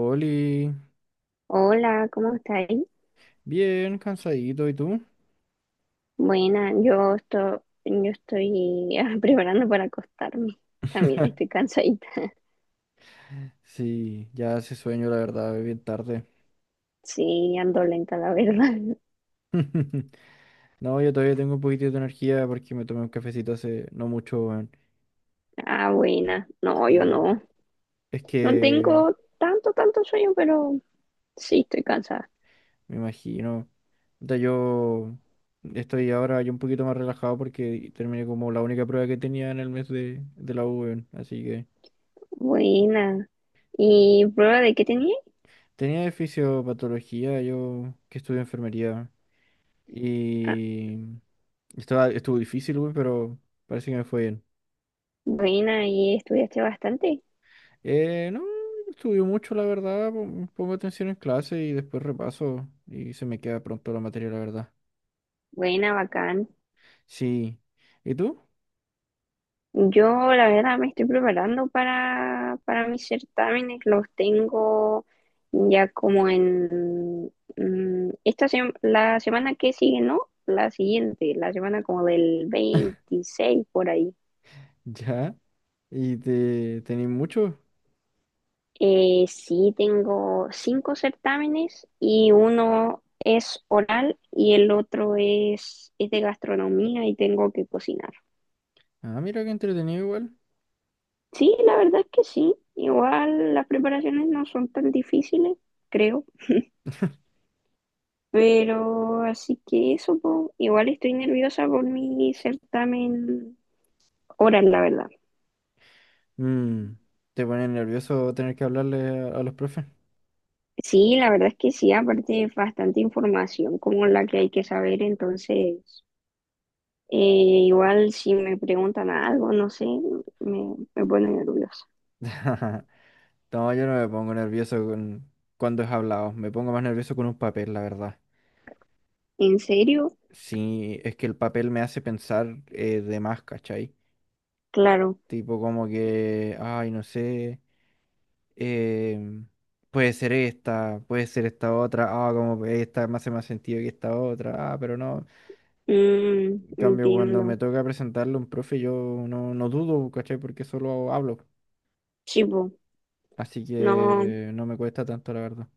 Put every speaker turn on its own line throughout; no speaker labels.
Oli,
Hola, ¿cómo estáis?
bien cansadito, ¿y tú?
Buena, yo estoy preparando para acostarme. También estoy cansadita.
Sí, ya hace sueño, la verdad, es bien tarde.
Sí, ando lenta, la verdad.
No, yo todavía tengo un poquitito de energía porque me tomé un cafecito hace no mucho, weón.
Ah, buena. No, yo
Sí,
no.
es
No
que
tengo tanto sueño, pero sí estoy cansada.
me imagino. O sea, yo estoy ahora ya un poquito más relajado porque terminé como la única prueba que tenía en el mes de la U, weón. Así que
Buena. ¿Y prueba de qué tenía?
tenía de fisiopatología, yo que estudio enfermería.
Ah,
Y estuvo difícil, güey, pero parece que me fue bien.
buena, y estudiaste bastante.
No estudió mucho, la verdad. Pongo atención en clase y después repaso y se me queda pronto la materia, la verdad.
Buena, bacán.
Sí. ¿Y tú?
Yo la verdad me estoy preparando para mis certámenes, los tengo ya como en la semana que sigue, ¿no? La siguiente, la semana como del 26 por ahí.
Ya. ¿Y te tenés mucho?
Sí, tengo 5 certámenes y uno es oral y el otro es de gastronomía y tengo que cocinar.
Ah, mira qué entretenido igual.
Sí, la verdad es que sí. Igual las preparaciones no son tan difíciles, creo. Pero así que eso, po. Igual estoy nerviosa por mi certamen oral, la verdad.
Mm, ¿te pone nervioso tener que hablarle a los profes?
Sí, la verdad es que sí, aparte es bastante información como la que hay que saber, entonces eh, igual si me preguntan algo, no sé, me pone nerviosa.
No, yo no me pongo nervioso cuando es hablado. Me pongo más nervioso con un papel, la verdad.
¿En serio?
Sí, es que el papel me hace pensar de más, ¿cachai?
Claro.
Tipo como que, ay, no sé, em, puede ser esta otra, ah, como que esta me hace más sentido que esta otra, ah, pero no.
Mm,
En cambio, cuando me
entiendo.
toca presentarle a un profe, yo no dudo, ¿cachai? Porque solo hablo.
Sí, po.
Así
No,
que no me cuesta tanto, la verdad.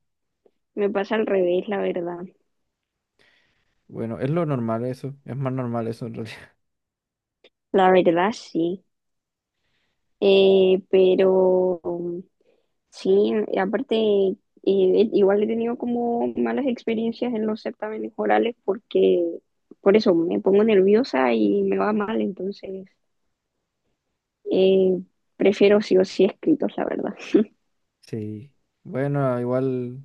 me pasa al revés, la verdad.
Bueno, es lo normal eso, es más normal eso en realidad.
La verdad sí. Pero... Sí, y aparte, igual he tenido como malas experiencias en los certámenes orales porque por eso me pongo nerviosa y me va mal, entonces eh, prefiero sí o sí escritos, la verdad.
Sí. Bueno, igual.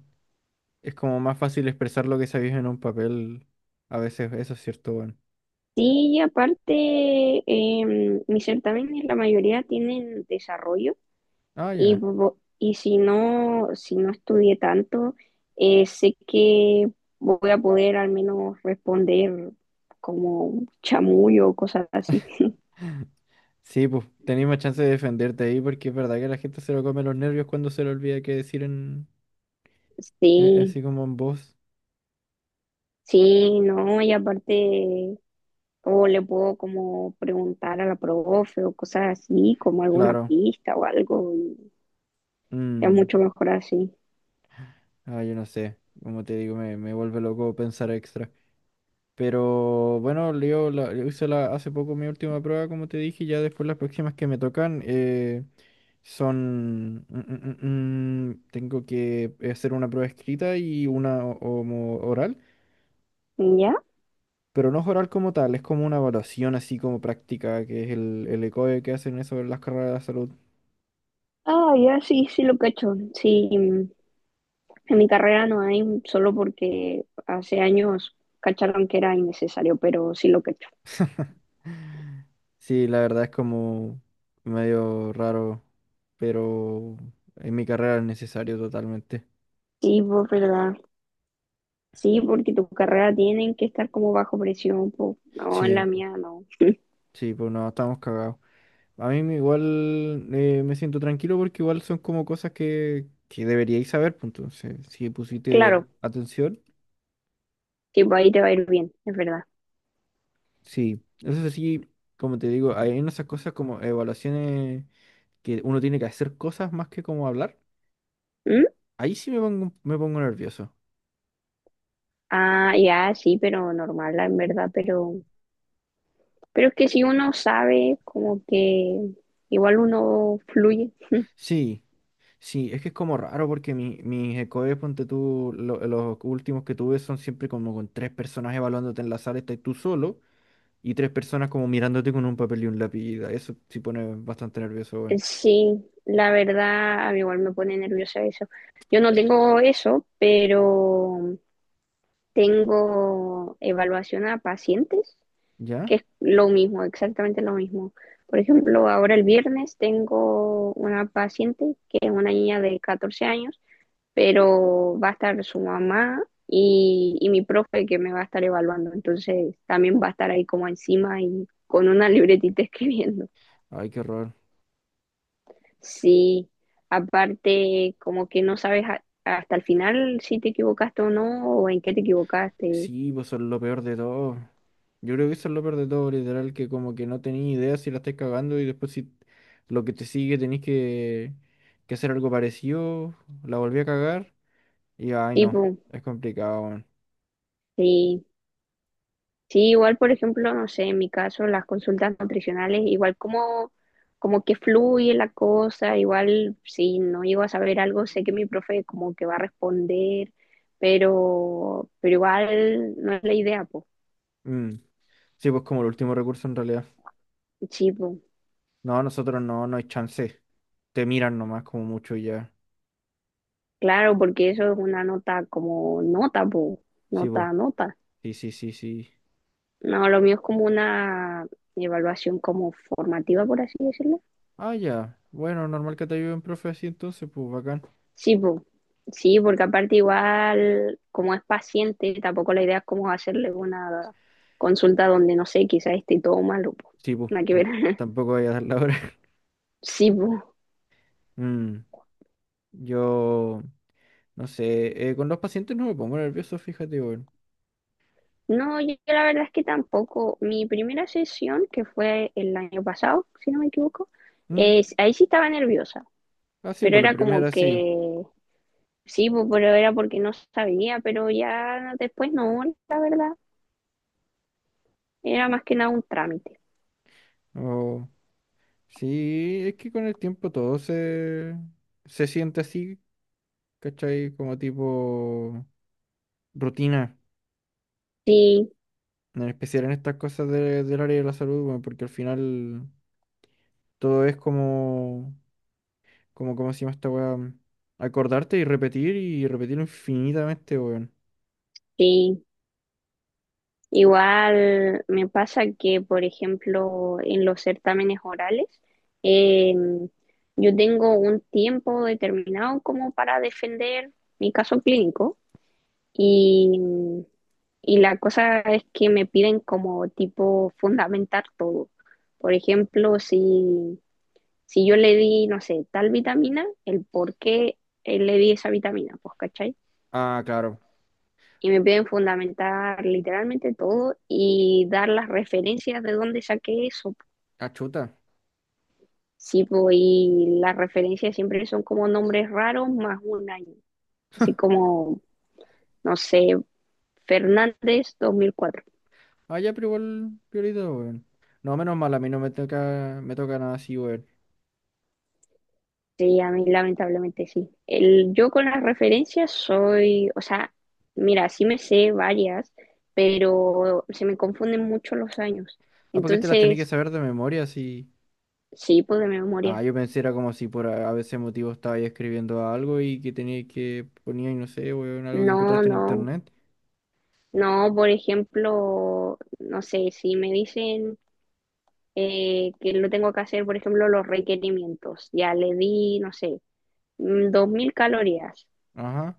Es como más fácil expresar lo que sabéis en un papel. A veces, eso es cierto, bueno.
Sí, y aparte, mis certámenes la mayoría tienen desarrollo
Ah,
y,
ya.
y si no, si no estudié tanto, sé que voy a poder al menos responder como chamullo o cosas así.
Sí, pues, tenéis más chance de defenderte ahí porque es verdad que la gente se lo come los nervios cuando se le olvida qué decir en,
Sí,
así como en voz.
sí, no, y aparte, o le puedo como preguntar a la profe o cosas así, como alguna
Claro.
pista o algo, y es
Mm.
mucho mejor así.
Ah, yo no sé. Como te digo, me vuelve loco pensar extra. Pero bueno, hace poco mi última prueba, como te dije, y ya después las próximas que me tocan son... tengo que hacer una prueba escrita y una como oral,
¿Ya?
pero no es oral como tal, es como una evaluación así como práctica, que es el ECOE que hacen eso en las carreras de la salud.
Ah, ya, sí, sí lo cacho. Sí, mm, en mi carrera no hay, solo porque hace años cacharon que era innecesario, pero sí lo cacho.
Sí, la verdad es como medio raro, pero en mi carrera es necesario totalmente.
Sí, pues verdad. Sí, porque tu carrera tienen que estar como bajo presión, pues no, en
Sí.
la mía no.
Sí, pues no, estamos cagados. A mí me igual me siento tranquilo porque igual son como cosas que deberíais saber, pues entonces, si pusiste
Claro,
atención,
sí, pues ahí te va a ir bien, es verdad.
sí. Eso sí, como te digo, hay en esas cosas como evaluaciones que uno tiene que hacer cosas más que como hablar.
¿Mm?
Ahí sí me pongo nervioso.
Ah, ya, sí, pero normal, en verdad, pero es que si uno sabe, como que igual uno fluye.
Sí, sí, es que es como raro porque mis ECOES, ponte tú, los últimos que tuve son siempre como con tres personas evaluándote en la sala, estás tú solo. Y tres personas como mirándote con un papel y un lápiz. Eso sí pone bastante nervioso, weón.
Sí, la verdad, a mí igual me pone nerviosa eso. Yo no tengo eso, pero tengo evaluación a pacientes, que
¿Ya?
es lo mismo, exactamente lo mismo. Por ejemplo, ahora el viernes tengo una paciente que es una niña de 14 años, pero va a estar su mamá y mi profe que me va a estar evaluando. Entonces también va a estar ahí como encima y con una libretita escribiendo.
Ay, qué horror.
Sí, aparte como que no sabes hasta el final si te equivocaste o no, o en qué te equivocaste.
Sí, pues son lo peor de todo. Yo creo que eso es lo peor de todo, literal, que como que no tenéis idea si la estáis cagando y después si lo que te sigue tenéis que hacer algo parecido, la volví a cagar y ay no,
Tipo,
es complicado, weón.
sí, sí, igual, por ejemplo, no sé, en mi caso, las consultas nutricionales, igual como, como que fluye la cosa, igual si no llego a saber algo, sé que mi profe como que va a responder, pero igual no es la idea, pues.
Mm. Sí, pues como el último recurso en realidad.
Sí, po.
No, nosotros no, no hay chance. Te miran nomás como mucho y ya.
Claro, porque eso es una nota como nota, po.
Sí, pues.
Nota, nota.
Sí, sí, sí, sí.
No, lo mío es como una evaluación como formativa, por así decirlo.
Ah, ya. Bueno, normal que te ayude un profe así entonces, pues bacán.
Sí, po. Sí, porque aparte igual, como es paciente, tampoco la idea es como hacerle una consulta donde, no sé, quizá esté todo malo, po.
Sí, pues,
Nada que ver.
tampoco voy a dar la hora.
Sí, po.
Mm, yo, no sé, con los pacientes no me pongo nervioso, fíjate, bueno.
No, yo la verdad es que tampoco. Mi primera sesión, que fue el año pasado, si no me equivoco,
Mm,
ahí sí estaba nerviosa,
ah, sí,
pero
pues la
era como
primera sí.
que, sí, po, pero era porque no sabía, pero ya después no, la verdad, era más que nada un trámite.
O sí, es que con el tiempo todo se siente así, ¿cachai? Como tipo rutina,
Sí,
en especial en estas cosas del área de la salud, bueno, porque al final todo es como... Como, ¿cómo se llama esta weá? Acordarte y repetir y repetirlo infinitamente, weón.
sí. Igual me pasa que, por ejemplo, en los certámenes orales, eh, yo tengo un tiempo determinado como para defender mi caso clínico y, y la cosa es que me piden como tipo fundamentar todo. Por ejemplo, si yo le di, no sé, tal vitamina, el por qué le di esa vitamina, pues, ¿cachai?
Ah, claro.
Y me piden fundamentar literalmente todo y dar las referencias de dónde saqué eso.
Ah, chuta.
Sí, po, y las referencias siempre son como nombres raros más un año, así como, no sé, Fernández 2004.
Ah, ya, pero igual, piolita, weón. No, menos mal, a mí no me toca, me toca nada así, weón.
Sí, a mí lamentablemente sí. El, yo con las referencias soy, o sea, mira, sí me sé varias, pero se me confunden mucho los años.
Ah, porque te las tenés que
Entonces,
saber de memoria, así.
sí, pues de
Ah,
memoria.
yo pensé era como si por a veces motivo estaba ahí escribiendo algo y que tenía que ponía, y no sé, weón, algo que
No,
encontraste en
no.
internet.
No, por ejemplo, no sé, si me dicen que lo tengo que hacer, por ejemplo, los requerimientos, ya le di, no sé, 2000 calorías.
Ajá.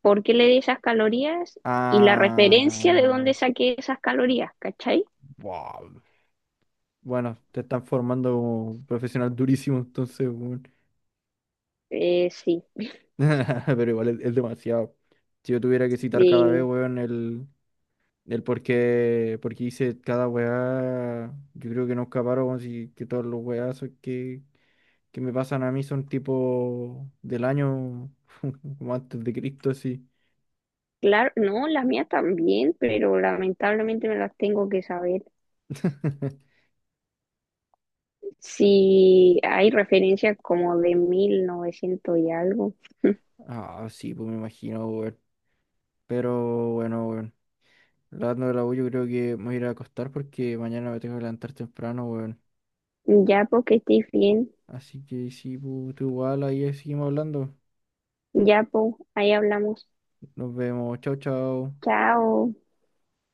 ¿Por qué le di esas calorías? Y la referencia de
Ah.
dónde saqué esas calorías, ¿cachai?
Wow. Bueno, te están formando como profesional durísimo, entonces, weón.
Sí,
Pero igual es demasiado. Si yo tuviera que citar cada vez,
y
weón, el por qué hice cada weá, yo creo que no escaparon, weón, si que todos los weazos que me pasan a mí son tipo del año como antes de Cristo, sí.
claro, no, las mías también, pero lamentablemente me las tengo que saber. Si hay referencias como de 1900 y algo,
Ah, sí, pues me imagino, weón. Pero bueno, weón. Hablando de la U, yo creo que me voy a ir a acostar porque mañana me tengo que levantar temprano, weón.
ya porque estoy bien.
Así que sí, pues, tú igual ahí seguimos hablando.
Ya, pues, ahí hablamos.
Nos vemos. Chau, chau.
Chao.